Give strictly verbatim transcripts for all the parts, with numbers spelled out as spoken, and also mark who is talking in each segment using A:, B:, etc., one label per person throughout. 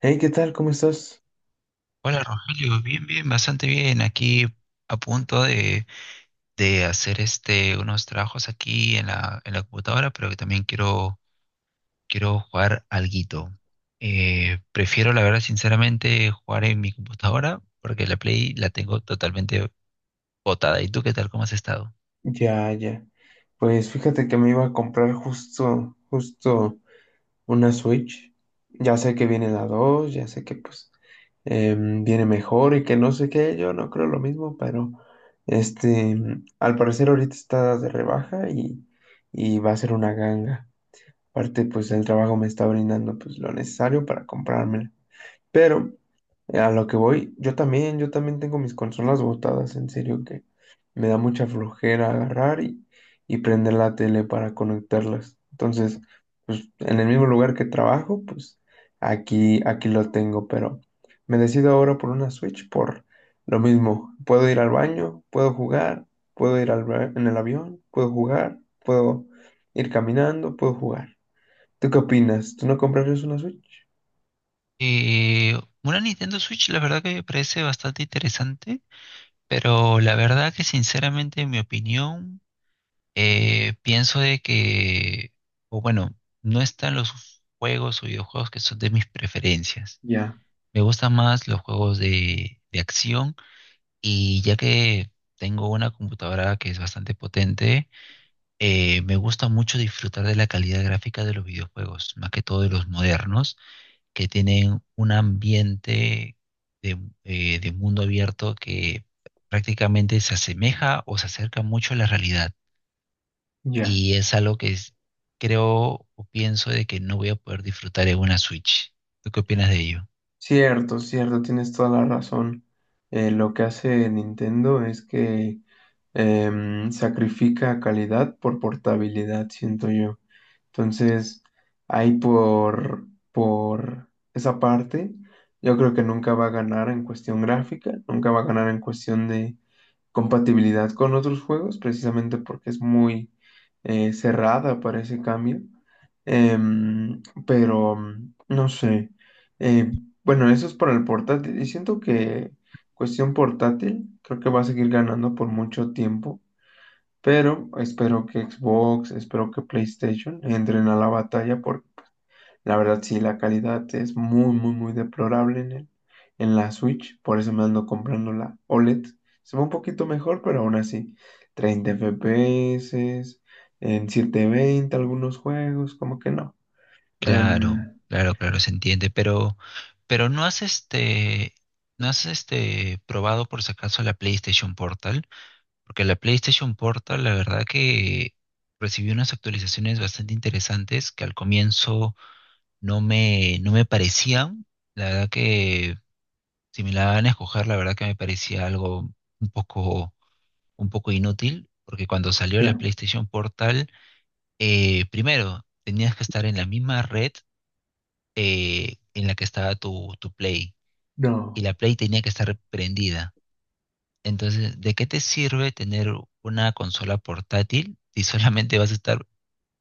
A: Hey, ¿qué tal? ¿Cómo estás?
B: Hola Rogelio, bien, bien, bastante bien. Aquí a punto de, de hacer este unos trabajos aquí en la, en la computadora, pero que también quiero, quiero jugar alguito. Eh, prefiero, la verdad, sinceramente, jugar en mi computadora, porque la Play la tengo totalmente botada. ¿Y tú qué tal? ¿Cómo has estado?
A: Ya, ya. Pues fíjate que me iba a comprar justo, justo una Switch. Ya sé que viene la dos, ya sé que pues em, viene mejor y que no sé qué, yo no creo lo mismo, pero este, mm, al parecer ahorita está de rebaja y, y va a ser una ganga. Aparte, pues el trabajo me está brindando pues lo necesario para comprármela. Pero eh, a lo que voy, yo también, yo también tengo mis consolas botadas, en serio que me da mucha flojera agarrar y, y prender la tele para conectarlas. Entonces, pues en el mismo lugar que trabajo, pues aquí, aquí lo tengo, pero me decido ahora por una Switch por lo mismo. Puedo ir al baño, puedo jugar, puedo ir al, ba- en el avión, puedo jugar, puedo ir caminando, puedo jugar. ¿Tú qué opinas? ¿Tú no comprarías una Switch?
B: Eh, una Nintendo Switch, la verdad que me parece bastante interesante, pero la verdad que sinceramente, en mi opinión. Eh, pienso de que, o bueno, no están los juegos o videojuegos que son de mis preferencias.
A: Ya,
B: Me gustan más los juegos de, de acción y ya que tengo una computadora que es bastante potente, eh, me gusta mucho disfrutar de la calidad gráfica de los videojuegos, más que todo de los modernos, que tienen un ambiente de, eh, de mundo abierto que prácticamente se asemeja o se acerca mucho a la realidad
A: ya.
B: y es algo que es- creo o pienso de que no voy a poder disfrutar en una Switch. ¿Tú qué opinas de ello?
A: Cierto, cierto, tienes toda la razón. Eh, lo que hace Nintendo es que em, sacrifica calidad por portabilidad, siento yo. Entonces, ahí por, por esa parte, yo creo que nunca va a ganar en cuestión gráfica, nunca va a ganar en cuestión de compatibilidad con otros juegos, precisamente porque es muy eh, cerrada para ese cambio. Em, pero mm, no sé. Eh, bueno, eso es para el portátil. Y siento que cuestión portátil, creo que va a seguir ganando por mucho tiempo. Pero espero que Xbox, espero que PlayStation entren a la batalla porque la verdad sí, la calidad es muy, muy, muy deplorable en el, en la Switch. Por eso me ando comprando la OLED. Se ve un poquito mejor, pero aún así, treinta F P S, en setecientos veinte algunos juegos, como que no.
B: Claro,
A: Em,
B: claro, claro, se entiende, pero, pero no has este, no has este probado por si acaso la PlayStation Portal, porque la PlayStation Portal, la verdad que recibió unas actualizaciones bastante interesantes que al comienzo no me, no me parecían. La verdad que si me la van a escoger, la verdad que me parecía algo un poco un poco inútil, porque cuando salió la
A: ya,
B: PlayStation Portal, eh, primero, tenías que estar en la misma red eh, en la que estaba tu, tu Play, y
A: no.
B: la Play tenía que estar prendida. Entonces, ¿de qué te sirve tener una consola portátil si solamente vas a estar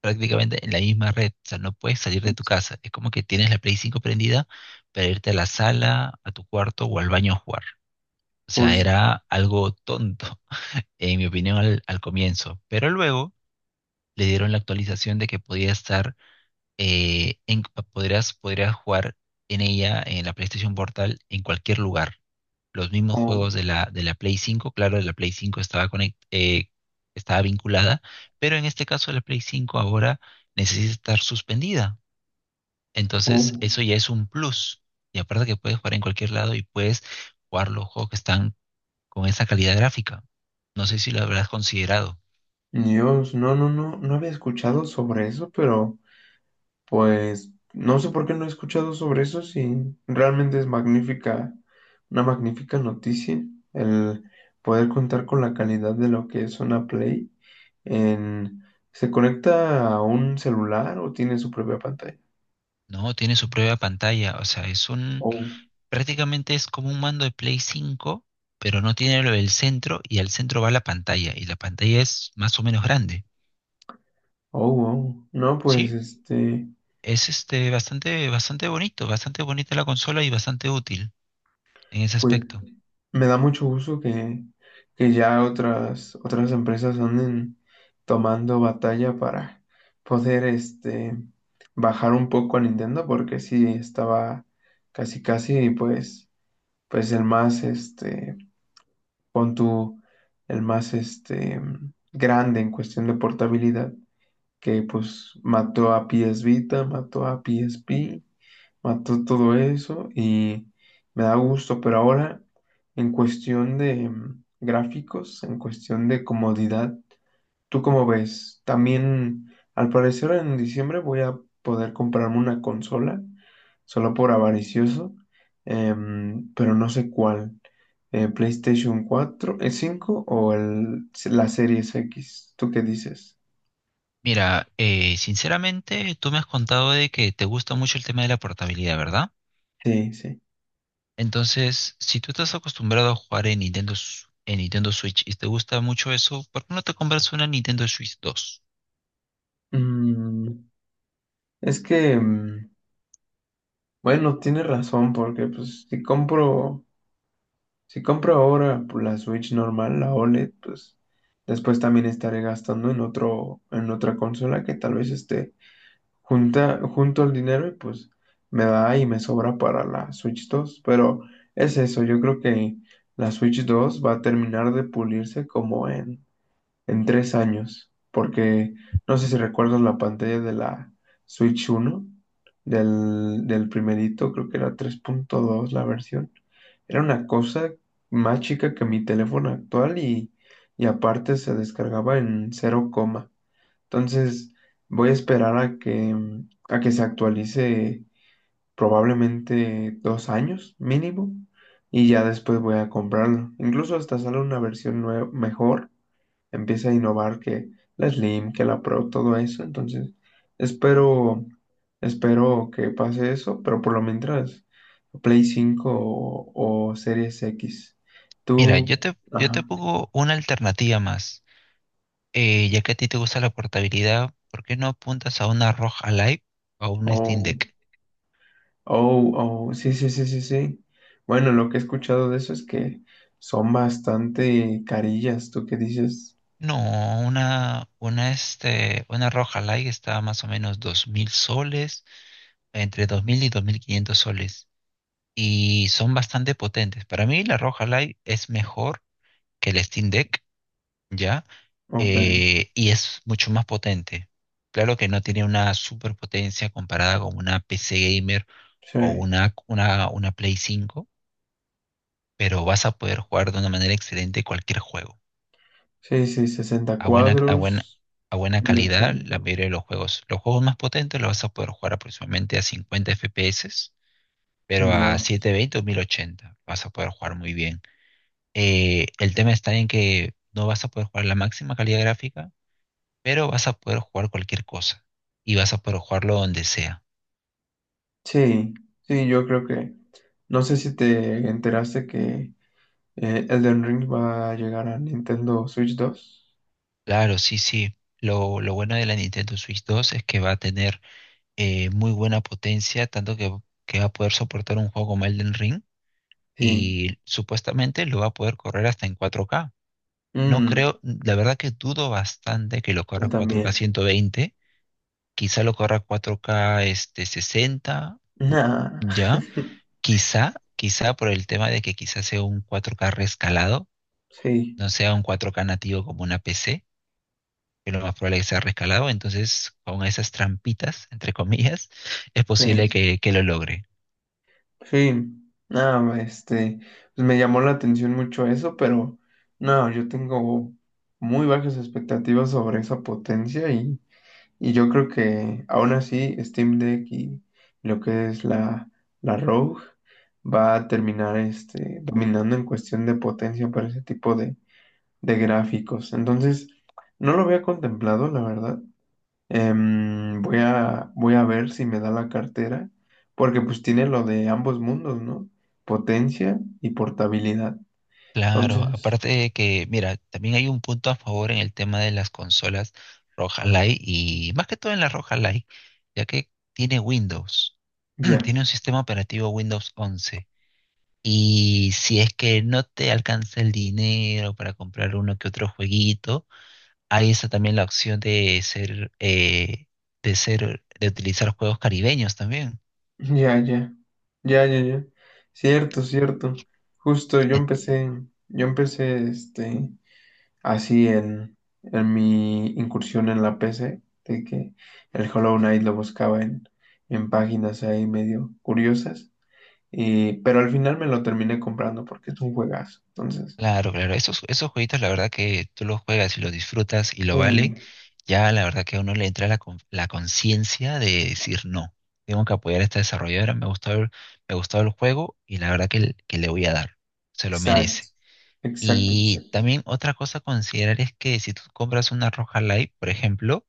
B: prácticamente en la misma red? O sea, no puedes salir de tu casa. Es como que tienes la Play cinco prendida para irte a la sala, a tu cuarto o al baño a jugar. O sea,
A: Pues,
B: era algo tonto, en mi opinión, al, al comienzo. Pero luego le dieron la actualización de que podía estar, eh, en, podrías, podrías jugar en ella, en la PlayStation Portal, en cualquier lugar. Los mismos
A: oh,
B: juegos de la, de la Play cinco, claro, de la Play cinco estaba, conect- eh, estaba vinculada, pero en este caso la Play cinco ahora necesita estar suspendida. Entonces,
A: oh,
B: eso ya es un plus. Y aparte que puedes jugar en cualquier lado y puedes jugar los juegos que están con esa calidad gráfica. No sé si lo habrás considerado.
A: Dios, no, no, no, no había escuchado sobre eso, pero pues no sé por qué no he escuchado sobre eso si realmente es magnífica, una magnífica noticia el poder contar con la calidad de lo que es una Play en. ¿Se conecta a un celular o tiene su propia pantalla?
B: No, tiene su propia pantalla, o sea, es un,
A: Oh,
B: prácticamente es como un mando de Play cinco, pero no tiene lo del centro y al centro va la pantalla y la pantalla es más o menos grande.
A: oh, wow. No, pues
B: Sí,
A: este,
B: es este bastante bastante bonito, bastante bonita la consola y bastante útil en ese
A: pues
B: aspecto.
A: me da mucho gusto que, que ya otras, otras empresas anden tomando batalla para poder este, bajar un poco a Nintendo, porque sí estaba casi casi, pues, pues el más, este, pon tú, el más este, grande en cuestión de portabilidad, que pues mató a P S Vita, mató a P S P, mató todo eso y me da gusto, pero ahora en cuestión de mm, gráficos, en cuestión de comodidad, ¿tú cómo ves? También al parecer en diciembre voy a poder comprarme una consola, solo por avaricioso, em, pero no sé cuál. eh, PlayStation cuatro el cinco o el, la Series X, ¿tú qué dices?
B: Mira, eh, sinceramente tú me has contado de que te gusta mucho el tema de la portabilidad, ¿verdad?
A: Sí, sí.
B: Entonces, si tú estás acostumbrado a jugar en Nintendo Su- en Nintendo Switch y te gusta mucho eso, ¿por qué no te compras una Nintendo Switch dos?
A: Mm, es que mm, Bueno, tienes razón, porque pues si compro, si compro ahora pues, la Switch normal, la OLED, pues después también estaré gastando en otro, en otra consola que tal vez esté junta, junto al dinero y pues me da y me sobra para la Switch dos. Pero es eso, yo creo que la Switch dos va a terminar de pulirse como en en tres años, porque no sé si recuerdas la pantalla de la Switch uno del, del primerito, creo que era tres punto dos la versión. Era una cosa más chica que mi teléfono actual y, y aparte se descargaba en cero coma. Entonces voy a esperar a que, a que se actualice probablemente dos años mínimo y ya después voy a comprarlo. Incluso hasta sale una versión nue- mejor, empieza a innovar que la Slim, que la Pro, todo eso. Entonces, espero, espero que pase eso, pero por lo mientras, Play cinco o, o Series X.
B: Mira,
A: Tú,
B: yo te, yo te
A: ajá,
B: pongo una alternativa más. Eh, ya que a ti te gusta la portabilidad, ¿por qué no apuntas a una ROG Alive o a una Steam
A: oh,
B: Deck?
A: oh, oh, sí, sí, sí, sí, sí. Bueno, lo que he escuchado de eso es que son bastante carillas, ¿tú qué dices?
B: No, una, una, este, una ROG Alive está a más o menos dos mil soles, entre dos mil y dos mil quinientos soles, y son bastante potentes. Para mí la ROG Alive es mejor que la Steam Deck, ¿ya?
A: Ok,
B: Eh, y es mucho más potente. Claro que no tiene una superpotencia comparada con una P C gamer o
A: sí,
B: una, una, una Play cinco pero vas a poder jugar de una manera excelente cualquier juego.
A: sí, sí, sesenta
B: A buena, a buena,
A: cuadros,
B: a buena
A: mil
B: calidad,
A: ochenta
B: la mayoría de los juegos. Los juegos más potentes los vas a poder jugar aproximadamente a cincuenta F P S, pero a
A: Yo,
B: setecientos veinte o mil ochenta vas a poder jugar muy bien. Eh, el tema está en que no vas a poder jugar la máxima calidad gráfica, pero vas a poder jugar cualquier cosa y vas a poder jugarlo donde sea.
A: sí, sí, yo creo que no sé si te enteraste que eh, Elden Ring va a llegar a Nintendo Switch dos.
B: Claro, sí, sí. Lo, lo bueno de la Nintendo Switch dos es que va a tener eh, muy buena potencia, tanto que, que va a poder soportar un juego como Elden Ring
A: Sí.
B: y supuestamente lo va a poder correr hasta en cuatro K. No
A: Mm,
B: creo, la verdad que dudo bastante que lo
A: yo
B: corra cuatro K
A: también.
B: ciento veinte, quizá lo corra cuatro K este, sesenta,
A: Nah.
B: ya, quizá, quizá por el tema de que quizás sea un cuatro K rescalado,
A: Sí,
B: no sea un cuatro K nativo como una P C, que lo más probable es que sea rescalado, entonces con esas trampitas, entre comillas, es posible
A: sí,
B: que que lo logre.
A: sí. No, este, pues me llamó la atención mucho eso, pero no, yo tengo muy bajas expectativas sobre esa potencia y Y yo creo que aún así Steam Deck y lo que es la, la Rogue va a terminar este, dominando en cuestión de potencia para ese tipo de, de gráficos. Entonces, no lo había contemplado, la verdad. Em, voy a, voy a ver si me da la cartera, porque pues tiene lo de ambos mundos, ¿no? Potencia y portabilidad.
B: Claro,
A: Entonces,
B: aparte de que, mira, también hay un punto a favor en el tema de las consolas Roja Light y más que todo en la Roja Light, ya que tiene Windows,
A: ya.
B: tiene un sistema operativo Windows once. Y si es que no te alcanza el dinero para comprar uno que otro jueguito, hay esa también la opción de ser, eh, de ser, de utilizar juegos caribeños también.
A: Ya, ya, ya, ya, ya. Cierto, cierto. Justo yo empecé, yo empecé este, así en, en mi incursión en la P C, de que el Hollow Knight lo buscaba en, en páginas ahí medio curiosas, y, pero al final me lo terminé comprando porque es un juegazo. Entonces,
B: Claro, claro, esos, esos jueguitos la verdad que tú los juegas y los disfrutas y lo vale,
A: sí,
B: ya la verdad que a uno le entra la, con- la conciencia de decir no, tengo que apoyar a esta desarrolladora, me gustó el, me gustó el juego y la verdad que, l- que le voy a dar, se lo
A: exacto,
B: merece.
A: exacto,
B: Y
A: exacto.
B: también otra cosa a considerar es que si tú compras una Roja Live, por ejemplo,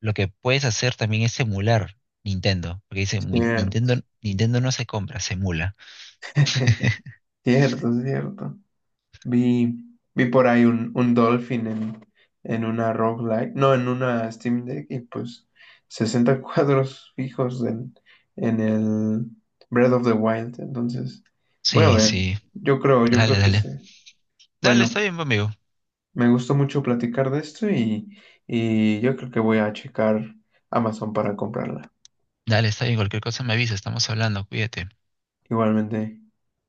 B: lo que puedes hacer también es emular Nintendo, porque dice "Muy- Nintendo,
A: Cierto,
B: Nintendo no se compra, se emula".
A: cierto, cierto. Vi, vi por ahí un, un Dolphin en, en una roguelike, no, en una Steam Deck, y pues sesenta cuadros fijos en, en el Breath of the Wild. Entonces, voy a
B: Sí,
A: ver.
B: sí,
A: Yo creo, yo
B: dale,
A: creo que
B: dale.
A: sí.
B: Dale,
A: Bueno,
B: está bien, amigo.
A: me gustó mucho platicar de esto y, y yo creo que voy a checar Amazon para comprarla.
B: Dale, está bien, cualquier cosa me avisa, estamos hablando, cuídate.
A: Igualmente.